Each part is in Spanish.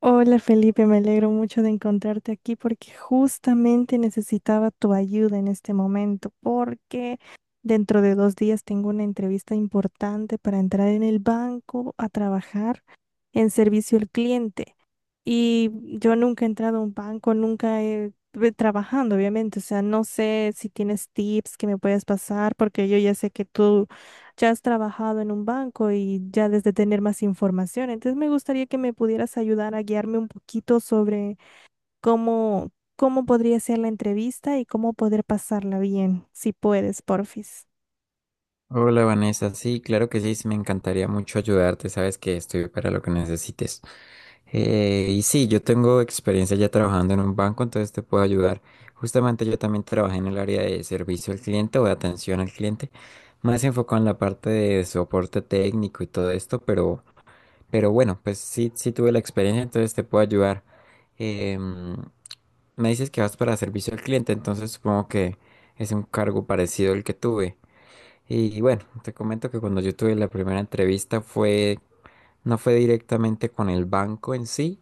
Hola Felipe, me alegro mucho de encontrarte aquí porque justamente necesitaba tu ayuda en este momento porque dentro de dos días tengo una entrevista importante para entrar en el banco a trabajar en servicio al cliente. Y yo nunca he entrado a un banco, nunca he estuve trabajando, obviamente. O sea, no sé si tienes tips que me puedes pasar, porque yo ya sé que tú ya has trabajado en un banco y ya desde tener más información. Entonces me gustaría que me pudieras ayudar a guiarme un poquito sobre cómo, cómo podría ser la entrevista y cómo poder pasarla bien, si puedes, porfis. Hola Vanessa, sí, claro que sí, sí, me encantaría mucho ayudarte, sabes que estoy para lo que necesites. Y sí, yo tengo experiencia ya trabajando en un banco, entonces te puedo ayudar. Justamente yo también trabajé en el área de servicio al cliente o de atención al cliente, más enfocado en la parte de soporte técnico y todo esto, pero bueno, pues sí, sí tuve la experiencia, entonces te puedo ayudar. Em, Me dices que vas para servicio al cliente, entonces supongo que es un cargo parecido al que tuve. Y bueno, te comento que cuando yo tuve la primera entrevista fue, no fue directamente con el banco en sí,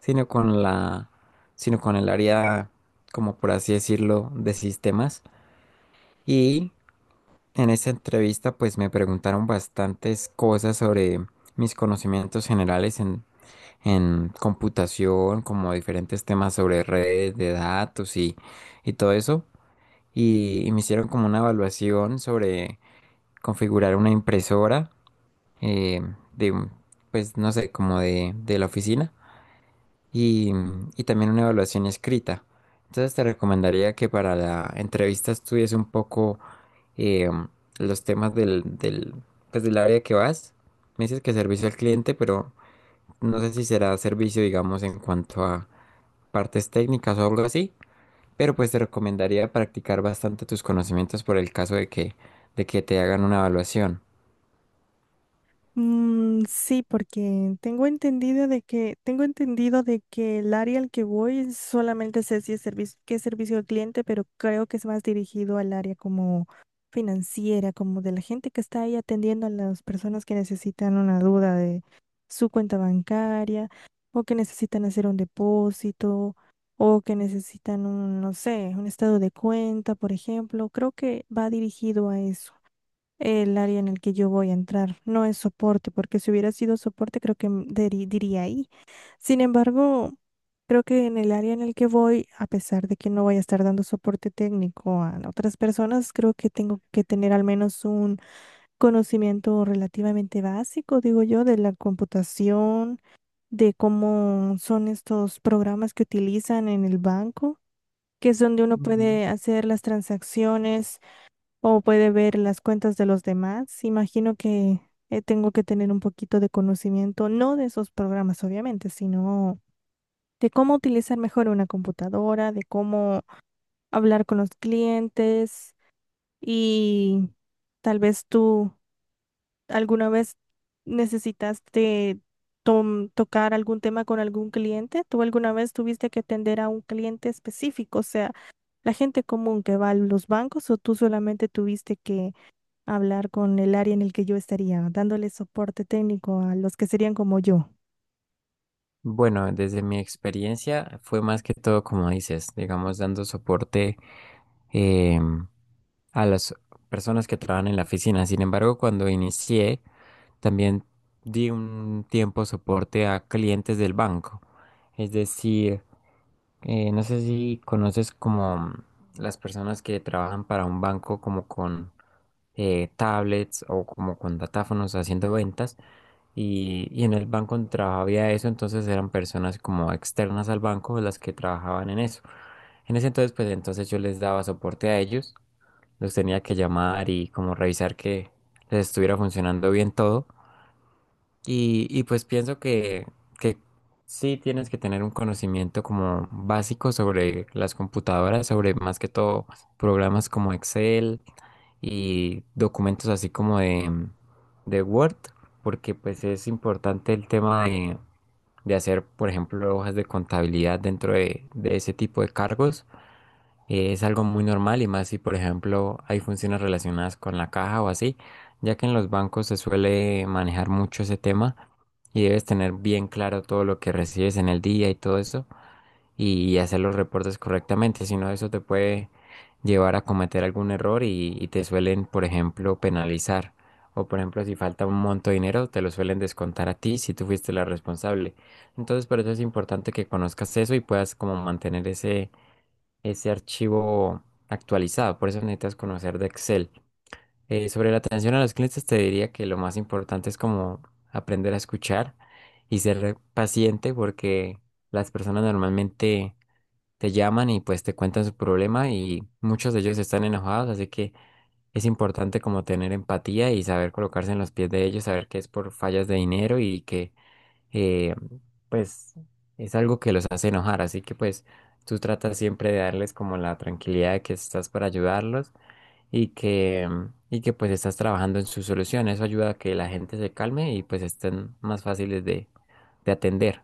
sino con la, sino con el área, como por así decirlo, de sistemas. Y en esa entrevista, pues me preguntaron bastantes cosas sobre mis conocimientos generales en computación, como diferentes temas sobre redes de datos y todo eso. Y me hicieron como una evaluación sobre configurar una impresora eh, de, un- pues no sé, como de la oficina y, y también una evaluación escrita. Entonces te recomendaría que para la entrevista estudies un poco eh, los temas pues, del área que vas. Me dices que servicio al cliente, pero no sé si será servicio, digamos, en cuanto a partes técnicas o algo así. Pero pues te recomendaría practicar bastante tus conocimientos por el caso de que te hagan una evaluación. Mm, sí, porque tengo entendido de que el área al que voy solamente sé si es servicio, que es servicio al cliente, pero creo que es más dirigido al área como financiera, como de la gente que está ahí atendiendo a las personas que necesitan una duda de su cuenta bancaria o que necesitan hacer un depósito o que necesitan un, no sé, un estado de cuenta, por ejemplo. Creo que va dirigido a eso. El área en el que yo voy a entrar no es soporte, porque si hubiera sido soporte, creo que diría ahí. Sin embargo, creo que en el área en el que voy, a pesar de que no voy a estar dando soporte técnico a otras personas, creo que tengo que tener al menos un conocimiento relativamente básico, digo yo, de la computación, de cómo son estos programas que utilizan en el banco, que es donde uno puede hacer las transacciones o puede ver las cuentas de los demás. Imagino que tengo que tener un poquito de conocimiento, no de esos programas, obviamente, sino de cómo utilizar mejor una computadora, de cómo hablar con los clientes y tal vez tú alguna vez necesitaste tocar algún tema con algún cliente. ¿Tú alguna vez tuviste que atender a un cliente específico, o sea, la gente común que va a los bancos, o tú solamente tuviste que hablar con el área en el que yo estaría, dándole soporte técnico a los que serían como yo? Bueno, desde mi experiencia fue más que todo como dices, digamos, dando soporte em, a las personas que trabajan en la oficina. Sin embargo, cuando inicié, también di un tiempo soporte a clientes del banco. Es decir, no sé si conoces como las personas que trabajan para un banco como con tablets o como con datáfonos haciendo ventas. Y en el banco donde trabajaba había eso, entonces eran personas como externas al banco las que trabajaban en eso. En ese entonces, pues entonces yo les daba soporte a ellos, los tenía que llamar y como revisar que les estuviera funcionando bien todo. Y pues pienso que sí tienes que tener un conocimiento como básico sobre las computadoras, sobre más que todo programas como Excel, y documentos así como de Word, porque pues es importante el tema de hacer, por ejemplo, hojas de contabilidad dentro de ese tipo de cargos. Es algo muy normal y más si, por ejemplo, hay funciones relacionadas con la caja o así, ya que en los bancos se suele manejar mucho ese tema y debes tener bien claro todo lo que recibes en el día y todo eso y hacer los reportes correctamente, si no eso te puede llevar a cometer algún error y te suelen, por ejemplo, penalizar. O por ejemplo, si falta un monto de dinero, te lo suelen descontar a ti si tú fuiste la responsable. Entonces, por eso es importante que conozcas eso y puedas como mantener ese archivo actualizado. Por eso necesitas conocer de Excel. Sobre la atención a los clientes, te diría que lo más importante es como aprender a escuchar y ser paciente porque las personas normalmente te llaman y pues te cuentan su problema y muchos de ellos están enojados, así que es importante como tener empatía y saber colocarse en los pies de ellos, saber que es por fallas de dinero y que eh, pues es algo que los hace enojar, así que pues tú tratas siempre de darles como la tranquilidad de que estás para ayudarlos y que, y que pues estás trabajando en su solución, eso ayuda a que la gente se calme y pues estén más fáciles de atender.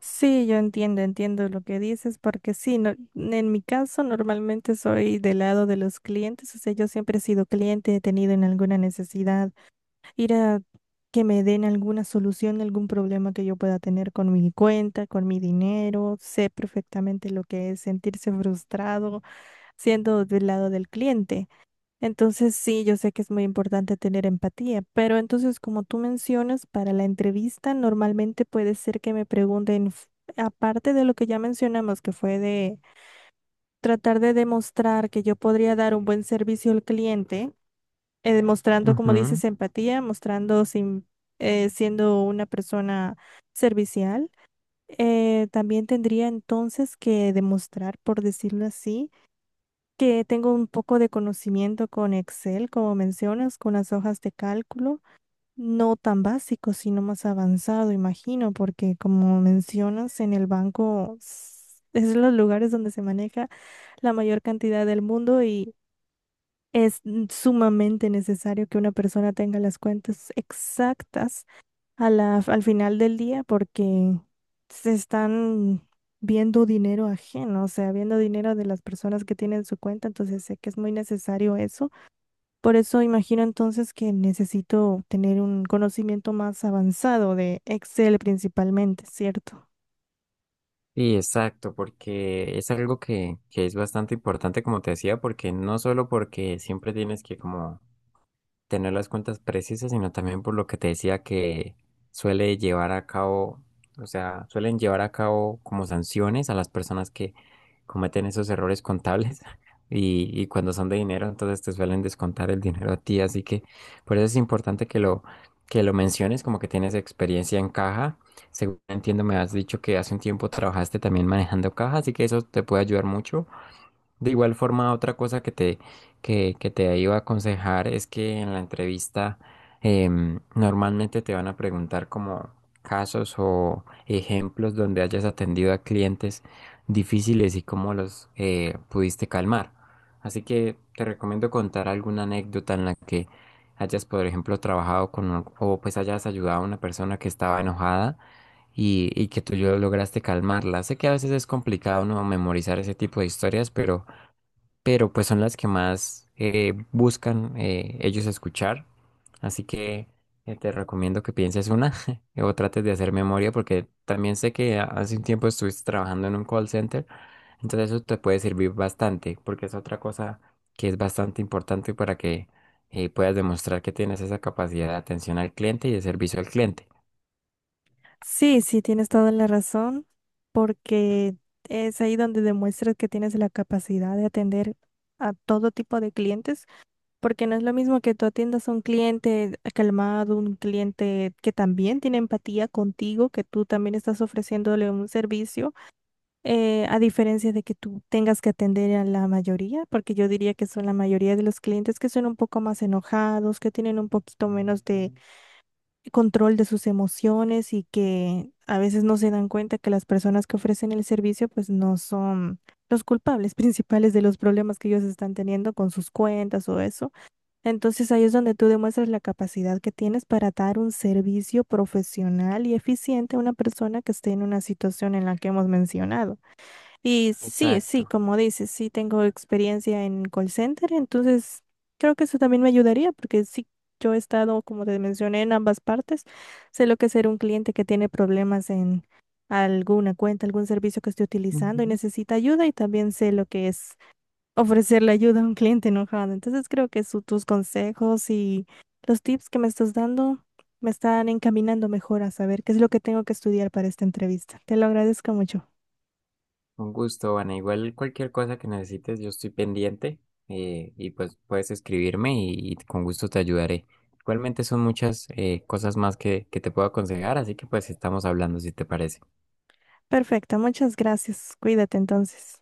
Sí, yo entiendo, entiendo lo que dices, porque sí, en mi caso normalmente soy del lado de los clientes, o sea, yo siempre he sido cliente, he tenido en alguna necesidad, ir a que me den alguna solución, algún problema que yo pueda tener con mi cuenta, con mi dinero. Sé perfectamente lo que es sentirse frustrado siendo del lado del cliente. Entonces, sí, yo sé que es muy importante tener empatía, pero entonces, como tú mencionas, para la entrevista normalmente puede ser que me pregunten, aparte de lo que ya mencionamos, que fue de tratar de demostrar que yo podría dar un buen servicio al cliente, demostrando, como Ujú. dices, empatía, mostrando sin, siendo una persona servicial. También tendría entonces que demostrar, por decirlo así, que tengo un poco de conocimiento con Excel, como mencionas, con las hojas de cálculo, no tan básico, sino más avanzado, imagino, porque como mencionas, en el banco es los lugares donde se maneja la mayor cantidad del mundo y es sumamente necesario que una persona tenga las cuentas exactas a al final del día, porque se están viendo dinero ajeno, o sea, viendo dinero de las personas que tienen su cuenta, entonces sé que es muy necesario eso. Por eso imagino entonces que necesito tener un conocimiento más avanzado de Excel principalmente, ¿cierto? Sí, exacto, porque es algo que es bastante importante, como te decía, porque no solo porque siempre tienes que como tener las cuentas precisas, sino también por lo que te decía que suele llevar a cabo, o sea, suelen llevar a cabo como sanciones a las personas que cometen esos errores contables y cuando son de dinero, entonces te suelen descontar el dinero a ti, así que por eso es importante que lo menciones, como que tienes experiencia en caja. Según entiendo, me has dicho que hace un tiempo trabajaste también manejando caja, así que eso te puede ayudar mucho. De igual forma, otra cosa que te iba a aconsejar es que en la entrevista normalmente te van a preguntar como casos o ejemplos donde hayas atendido a clientes difíciles y cómo los pudiste calmar. Así que te recomiendo contar alguna anécdota en la que hayas, por ejemplo, trabajado con un- o pues hayas ayudado a una persona que estaba enojada y que tú yo lograste calmarla. Sé que a veces es complicado no memorizar ese tipo de historias, pero pues son las que más buscan ellos escuchar. Así que te recomiendo que pienses una o trates de hacer memoria porque también sé que hace un tiempo estuviste trabajando en un call center, entonces eso te puede servir bastante porque es otra cosa que es bastante importante para que puedas demostrar que tienes esa capacidad de atención al cliente y de servicio al cliente. Sí, sí, tienes toda la razón, porque es ahí donde demuestras que tienes la capacidad de atender a todo tipo de clientes. Porque no es lo mismo que tú atiendas a un cliente calmado, un cliente que también tiene empatía contigo, que tú también estás ofreciéndole un servicio, a diferencia de que tú tengas que atender a la mayoría, porque yo diría que son la mayoría de los clientes que son un poco más enojados, que tienen un poquito menos de control de sus emociones y que a veces no se dan cuenta que las personas que ofrecen el servicio pues no son los culpables principales de los problemas que ellos están teniendo con sus cuentas o eso. Entonces ahí es donde tú demuestras la capacidad que tienes para dar un servicio profesional y eficiente a una persona que esté en una situación en la que hemos mencionado. Y sí, sí, Exacto. como dices, sí tengo experiencia en call center, entonces creo que eso también me ayudaría, porque sí, yo he estado, como te mencioné, en ambas partes. Sé lo que es ser un cliente que tiene problemas en alguna cuenta, algún servicio que esté utilizando y necesita ayuda, y también sé lo que es ofrecerle ayuda a un cliente enojado. Entonces creo que tus consejos y los tips que me estás dando me están encaminando mejor a saber qué es lo que tengo que estudiar para esta entrevista. Te lo agradezco mucho. Un gusto, Ana. Igual cualquier cosa que necesites, yo estoy pendiente y pues puedes escribirme y con gusto te ayudaré. Igualmente son muchas cosas más que te puedo aconsejar, así que pues estamos hablando si te parece. Perfecto, muchas gracias. Cuídate entonces.